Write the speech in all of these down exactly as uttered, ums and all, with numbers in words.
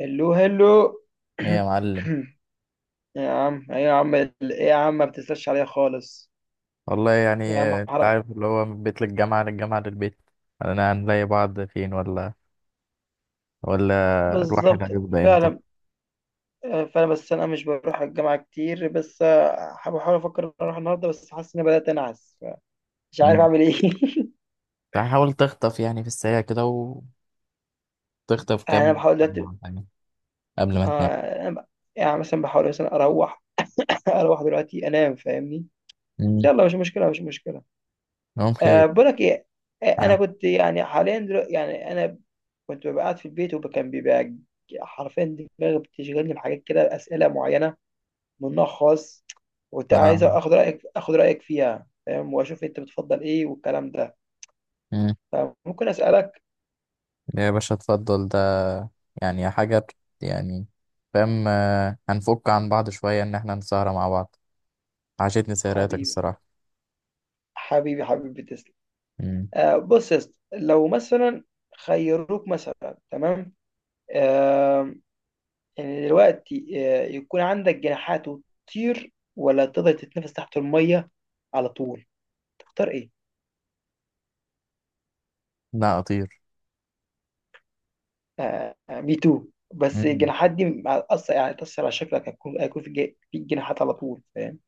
هلو، هلو. ايه يا معلم. يا عم ايه يا عم ايه يا عم ما بتسألش عليها خالص. والله يعني يا عم آه، انت حرق. عارف اللي هو من بيت للجامعة للجامعة للبيت. انا هنلاقي بعض فين، ولا ولا الواحد بالظبط. هيفضى امتى؟ فعلا، فعلا، بس انا مش بروح الجامعه كتير، بس آه، بحاول افكر اروح النهارده، بس حاسس اني بدات انعس. مش عارف مم. اعمل ايه. فحاول تخطف يعني في السريع كده وتخطف انا كام بحاول دلوقتي. مرة يعني قبل ما تنام. آه، أنا ب- يعني مثلا بحاول مثلا اروح. اروح دلوقتي انام، فاهمني؟ مم. يلا، مش مشكله مش مشكله. نوم خير. أه، بقولك ايه، آه، انا عاد- كنت يعني حاليا دلوقتي يعني انا كنت ببقى قاعد في البيت، وكان بيبقى حرفيا دماغي بتشغلني بحاجات كده، اسئله معينه من نوع خاص. وكنت عايز آه. اخد رايك اخد رايك فيها، فاهم؟ واشوف انت بتفضل ايه والكلام ده. مم. فممكن اسالك؟ يا باشا اتفضل ده. يعني حاجة بت- يعني فاهم، آه، هنفك عن بعض شوية ان احنا نسهر مع بعض. عشتني سهراتك حبيبي، الصراحة. حبيبي حبيبي تسلم. مم. أه، بص يا اسطى، لو مثلا خيروك مثلا، تمام؟ يعني دلوقتي آه، يكون عندك جناحات وتطير، ولا تقدر تتنفس تحت المية على طول، تختار ايه؟ لا، اطير. آه، مي تو. بس الجناحات دي مع- أصلا يعني تأثر على شكلك، هيكون هيكون في جا- في جناحات على طول، فاهم؟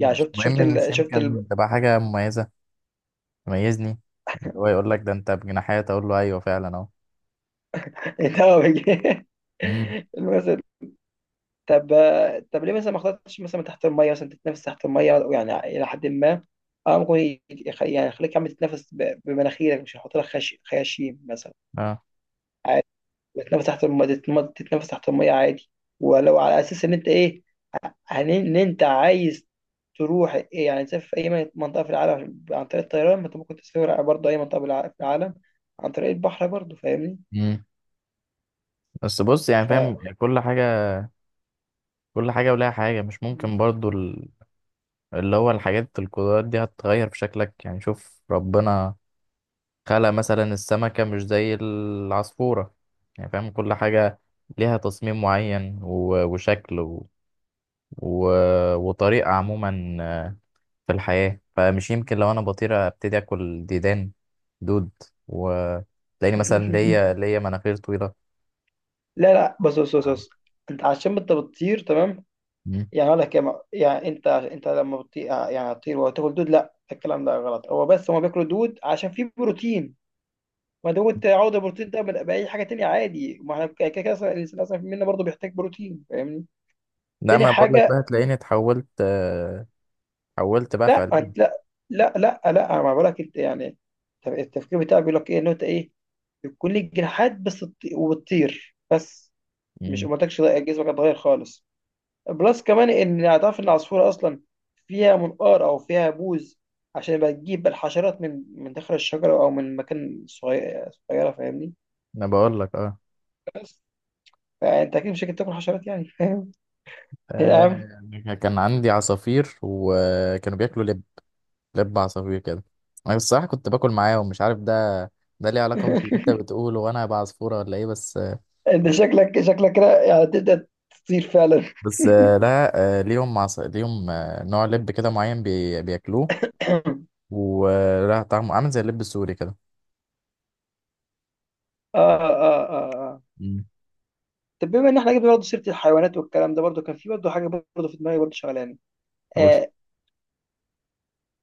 يعني شفت شفت مهم، مش ال... شفت ال... يمكن تبقى حاجة مميزة تميزني. اللي هو يقول لك ده انت بجناحات اقول له ايوه فعلا اهو. إنت هو بيجي- امم. المثل. طب، طب ليه مثلا ما اخترتش مثلا تحت المية، مثلا تتنفس تحت المية يعني إلى حد ما؟ اه، ممكن يخ- يعني يخليك عم تتنفس ب- بمناخيرك، مش هيحط لك خش- خياشيم مثلا. اه. بتنفس تحت المية، تتنفس تحت المية عادي. ولو على أساس إن أنت إيه، عن- إن أنت عايز تروح إيه يعني، تسافر في أي منطقة في العالم عن طريق الطيران، ما أنت ممكن تسافر برضه أي منطقة بالع- في العالم عن طريق البحر برضه، فاهمني؟ امم. بس بص، يعني ف فاهم كل حاجة. كل حاجة ولها حاجة، مش ممكن برضو ال- اللي هو الحاجات، القدرات دي هتتغير في شكلك. يعني شوف ربنا خلق مثلا السمكة مش زي العصفورة. يعني فاهم، كل حاجة ليها تصميم معين و- وشكل و... و... وطريقة عموما في الحياة. فمش يمكن لو أنا بطير أبتدي أكل ديدان، دود، وتلاقيني مثلا ليا ليا مناخير طويلة. لا، لا، بص بص بص بص، أنت عشان أنت بتطير، تمام. مم. يعني أقول لك يا م- يعني أنت أنت لما بتطير يعني هتطير وتاكل دود؟ لا، الكلام ده غلط. هو بس هما بياكلوا دود عشان فيه بروتين. ما دام انت عاوز البروتين ده بال- باي حاجه تانية عادي، ما احنا كده كده اصلا الانسان اصلا منا برضه بيحتاج بروتين، فاهمني؟ لا، تاني ما بقول لك حاجه، بقى تلاقيني اتحولت آه، اتحولت بقى لا فعليا. انت لا، لا، لا، لا، انا ما بقولك انت يعني. طب، التفكير بتاعي بيقول لك ايه؟ ان انت ايه، يكون ليك جناحات بس تط- وبتطير بس، مش مم. ما قلتكش لا، جسمك هيتغير خالص، بلس كمان ان هتعرف ان العصفوره اصلا فيها منقار او فيها بوز عشان يبقى تجيب الحشرات من من داخل الشجره او من مكان صغير صغيره، فاهمني؟ أنا بقول لك أه. بس فانت اكيد مش هتاكل حشرات يعني، فاهم؟ يا عم. آه، كان عندي عصافير وكانوا بياكلوا لب، لب عصافير كده. أنا الصراحة كنت باكل معاهم، مش عارف، ده ده ليه علاقة باللي أنت بتقوله وأنا هبقى عصفورة ولا إيه؟ بس انت شكلك شكلك كده يعني تبدا تطير فعلا. بس آه، لا. آه، ليهم عص... ليهم آه، نوع لب كده معين بي... بياكلوه، اه، ولا طعمه عامل زي اللب السوري كده. اه، اه. اه، مم. طب بما ان احنا جبنا برضه سيره الحيوانات والكلام ده، برضه كان في برضه حاجه برضه في دماغي برضه شغلاني. قول. آه،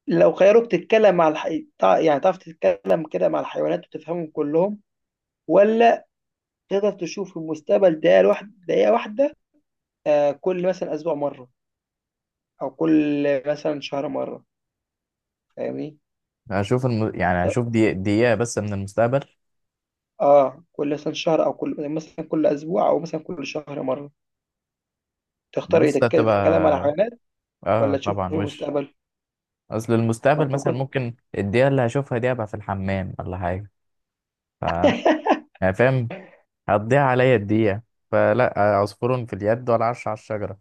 لو خيروك تتكلم مع الح... تع- يعني تعرف تتكلم كده مع الحيوانات وتفهمهم كلهم، ولا تقدر تشوف المستقبل دقيقه واحده، دقيقه واحده، آه، كل مثلا اسبوع مره او كل مثلا شهر مره، فاهمني؟ هشوف الم... يعني اه، هشوف دي دقيقة بس من المستقبل. آه، كل مثلا شهر او كل مثلا كل اسبوع او مثلا كل شهر مره، تختار ايه؟ بص، ده تتك- تتكلم على هتبقى، حيوانات اه ولا تشوف في طبعا وش. المستقبل؟ اصل ما المستقبل انت مثلا كنت. ممكن الدقيقة اللي هشوفها دي ابقى في الحمام ولا حاجة. ف يعني فاهم، هتضيع عليا الدقيقة. فلا عصفور في اليد ولا عش على الشجرة.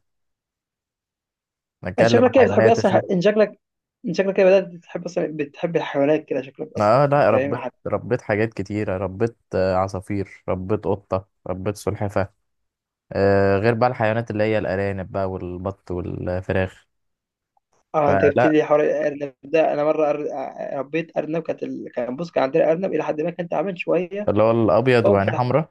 انت نتكلم شكلك كده بتحب حيوانات اصلا اشوف. ان شكلك، ان شكلك كده بدات تحب اصلا، بتحب الحيوانات كده شكلك اصلا. اه لا، فاهم؟ ربيت حت- ربيت حاجات كتيرة، ربيت آه، عصافير، ربيت قطة، ربيت سلحفاة، آه، غير بقى الحيوانات اللي هي الأرانب بقى، والبط، والفراخ. اه، انت جبت فلا، لي حوار الارنب ده. انا مره أر... آه، ربيت ارنب، كانت ال... كان، بص، كان عندنا ارنب، الى حد ما كان تعبان شويه. اللي هو الأبيض فهم في... وعينيه الح... حمراء.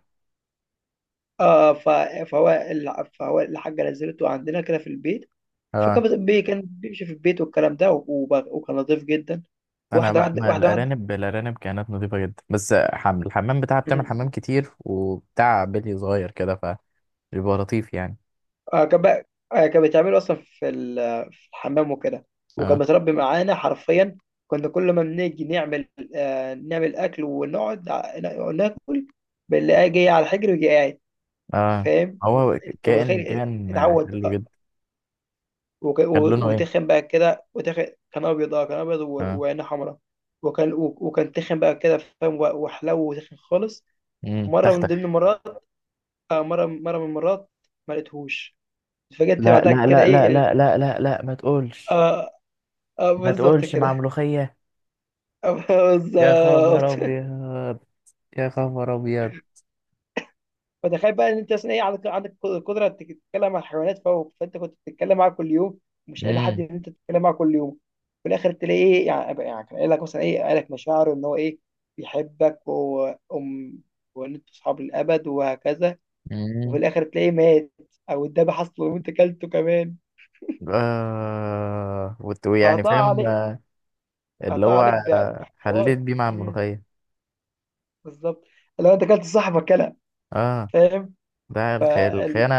اه، ف... فهو ال... فهو الحاجه نزلته عندنا كده في البيت، فكان اه. بت- بي... كان بيمشي في البيت والكلام ده، وب... وكان نظيف جدا. أنا واحده، بقى، واحده، ما واحده، الأرانب الأرانب كانت نظيفة جدا، بس حم... الحمام بتاعها بتعمل واحده. حمام كتير وبتاع، بلي صغير كده، فبيبقى لطيف يعني. آه، كان بقى، آه، كان بيتعمل اصلا في ال- في الحمام وكده، وكان اه، متربي معانا حرفيا. كنا كل ما بنيجي نعمل، آه، نعمل اكل، ونقعد ع- نا- ناكل، بنلاقيه جاي على الحجر ويجي قاعد، اه. فاهم؟ هو انت كائن متخيل؟ كائن اتعود. حلو جدا. وك- كان و- لونه ايه؟ وتخن بقى كده، وتخن، كان ابيض، اه، كان ابيض و- اه. وعينه حمراء، وكان و- وكان تخن بقى كده، فاهم؟ و- وحلو، وتخن خالص. امم، مره من تختخ. ضمن المرات، آه، مره مره من المرات ما لقيتهوش، اتفاجئت لا بعدها لا كده لا لا ايه، إن- لا لا لا لا، ما تقولش. اه، اه، ما بالظبط تقولش مع كده. ملوخية. آه، يا خبر بالظبط. أبيض. يا خبر أبيض. فتخيل بقى ان انت اصلا ايه، عندك عندك قدره انك تتكلم مع الحيوانات فوق، فانت كنت بتتكلم معاها كل يوم، مش قايل لحد امم. ان انت تتكلم معاها كل يوم. في الاخر تلاقي ايه يعني، أبقى- يعني كان قايل لك مثلا ايه، قايل لك مشاعره ان هو ايه، بيحبك و- وام وان انتوا اصحاب للابد وهكذا. وفي مم. الاخر تلاقيه مات او اتذبح اصلا وانت كلته كمان، آه وت- ويعني فقطع فاهم، عليك، آه، اللي قطع هو عليك ب- آه، بحوار. حليت بيه مع مم، الملوخية. بالظبط. لو انت كلت صاحبك كلام، اه. ده الخ- الخيانة.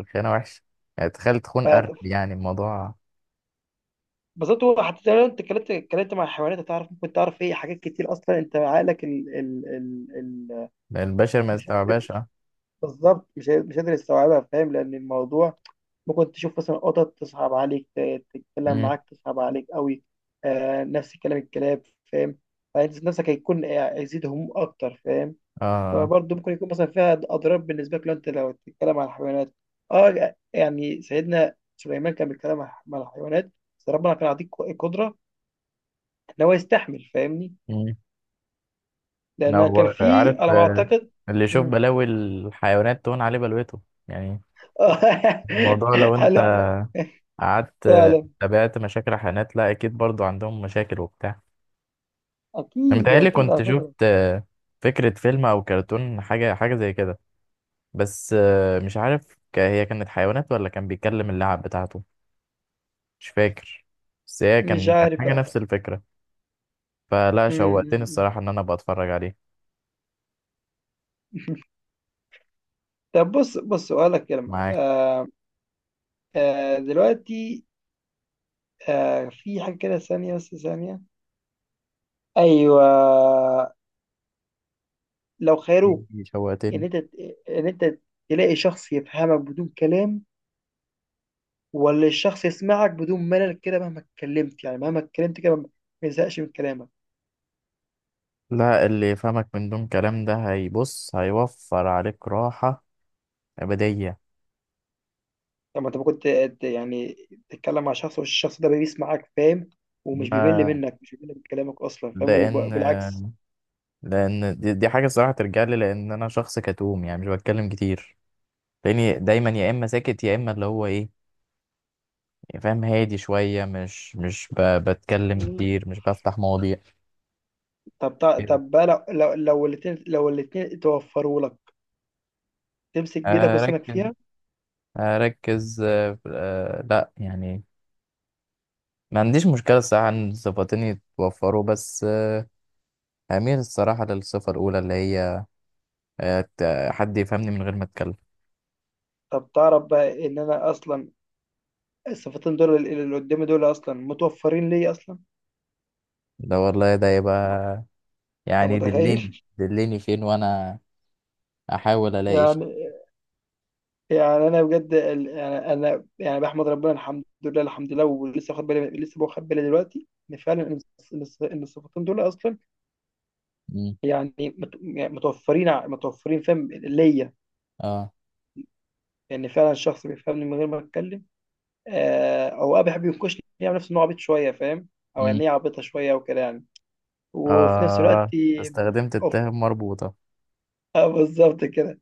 الخيانة وحشة. يعني تخيل تخون قرد. فاهم؟ يعني الموضوع بالظبط. هو حتى لو انت اتكلمت اتكلمت مع الحيوانات، هتعرف ممكن تعرف ايه، حاجات كتير اصلا، انت عقلك ال ال ال ال البشر ما مش... يستوعبهاش، اه. بالظبط، مش هي- مش قادر يستوعبها، فاهم؟ لان الموضوع ممكن تشوف مثلا قطط تصعب عليك، ت- تتكلم مم. معاك تصعب عليك قوي. آه، نفس كلام الكلاب، فاهم؟ فانت نفسك هيكون إيه، هيزيد هموم اكتر، فاهم؟ اه. فبرضه ممكن يكون مثلا فيها اضرار بالنسبه لك لو انت، لو تتكلم عن الحيوانات. اه يعني سيدنا سليمان كان بيتكلم مع مع الحيوانات، بس ربنا كان عطيك قدره ان هو يستحمل، فاهمني؟ مم. لان لو كان في عارف، على ما آه، اعتقد. اللي يشوف مم. بلاوي الحيوانات تهون عليه بلوته. يعني الموضوع لو انت هلا. قعدت، آه، فعلا، تابعت مشاكل الحيوانات، لا اكيد برضو عندهم مشاكل وبتاع. انا اكيد، متهيألي اكيد كنت على فكره. شفت آه، فكرة فيلم او كرتون، حاجة حاجة زي كده. بس آه، مش عارف، ك- هي كانت حيوانات ولا كان بيتكلم اللعب بتاعته، مش فاكر. بس هي مش كان كان عارف حاجة بقى. نفس الفكرة. فلا، مم. شوقتني مم، الصراحة ان انا ابقى اتفرج عليه. مم. طب، بص بص اقول لك كلمه، معاك. آه، آه دلوقتي، آه في حاجه كده ثانيه، بس ثانيه. ايوه، لو إيه، خيروك ان شوقتني. انت، ان انت تلاقي شخص يفهمك بدون كلام، ولا الشخص يسمعك بدون ملل كده مهما اتكلمت، يعني مهما اتكلمت كده ما يزهقش من كلامك. لا، اللي يفهمك من دون كلام ده هيبص، هيوفر عليك راحة أبدية. طب ما انت ممكن ت- ت- يعني تتكلم مع شخص والشخص ده بيسمعك، فاهم؟ ومش بيمل ما- منك، مش بيمل من كلامك اصلا، فاهم؟ وبالعكس. لأن، لأن دي, دي حاجة الصراحة ترجع لي، لأن أنا شخص كتوم يعني مش بتكلم كتير. تلاقيني دايما يا اما ساكت يا اما اللي هو ايه، يعني فاهم، هادي شويه، مش مش ب... بتكلم مم. كتير، مش بفتح مواضيع. طب تع- كده. طب بقى، لو لو لو الاتنين لو الاتنين توفروا لك، تمسك بيدك وسنك اركز، فيها. اركز، آه، آه، لا يعني، ما عنديش مشكله الصراحه ان صفتين يتوفروا، بس آه، هميل الصراحه للصفه الاولى اللي هي آه، ت- حد يفهمني من غير ما اتكلم. طب تعرف بقى ان انا اصلا الصفتين دول اللي اللي قدامي دول اصلا متوفرين لي اصلا. ده والله ده يبقى، انت يعني دلني، متخيل؟ دلني فين وانا احاول الاقي شيء. يعني، يعني انا بجد ال- يعني انا يعني بحمد ربنا، الحمد لله، الحمد لله، ولسه واخد بالي، لسه واخد بالي دلوقتي ان فعلا، ان الص- ان الص- إن الصفتين دول اصلا مم. يعني مت- يعني متوفرين، ع- متوفرين، فاهم؟ ليا، اه. يعني فعلا شخص بيفهمني من غير ما اتكلم، آه، او ابي بيحب ينكشني يعني، نفسه انه عبيط شويه، فاهم؟ او يعني مم. هي عبيطه شويه وكده يعني. وفي نفس الوقت، اه. استخدمت اوف، التهم مربوطه. آه، بالظبط كده.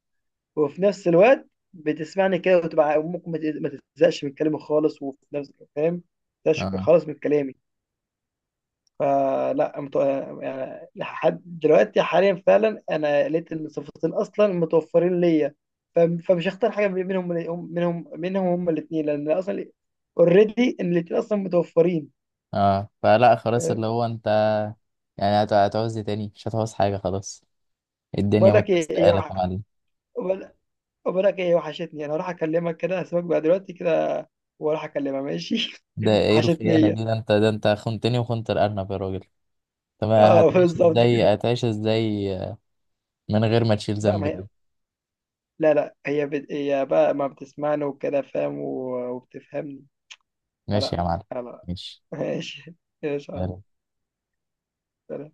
وفي نفس الوقت بتسمعني كده، وتبقى ممكن ما تز- ما تزهقش من كلامي خالص، وفي نفس، فاهم؟ ما تزهقش اه، خالص من كلامي. فلا مت... يعني لحد دلوقتي حاليا فعلا انا لقيت إن الصفتين اصلا متوفرين ليا. ف... فمش هختار حاجه منهم، منهم منهم هما الاثنين، لان اصلا اوريدي ان الاثنين اصلا متوفرين. اه. فلا خلاص، اللي هو انت يعني هت- هتعوز ايه تاني؟ مش هتعوز حاجة خلاص، الدنيا بقول لك ايه، إيه مترستقالك وح... يا معلم. بقول بقول لك ايه، وحشتني. انا هروح اكلمك كده، هسيبك بقى دلوقتي كده، واروح اكلمها، ماشي؟ ده ايه وحشتني الخيانة هي. دي؟ ده انت ده انت خنتني وخنت الأرنب يا راجل. طب اه، هتعيش بالظبط ازاي؟ كده. هتعيش ازاي من غير ما تشيل لا، ذنب ما هي كده؟ لا، لا، هي بت... هي بقى ما بتسمعني وكده، فاهم؟ و... وبتفهمني. ماشي فلا، يا معلم. لا، ماشي. ماشي. يا صاحبي، سلام.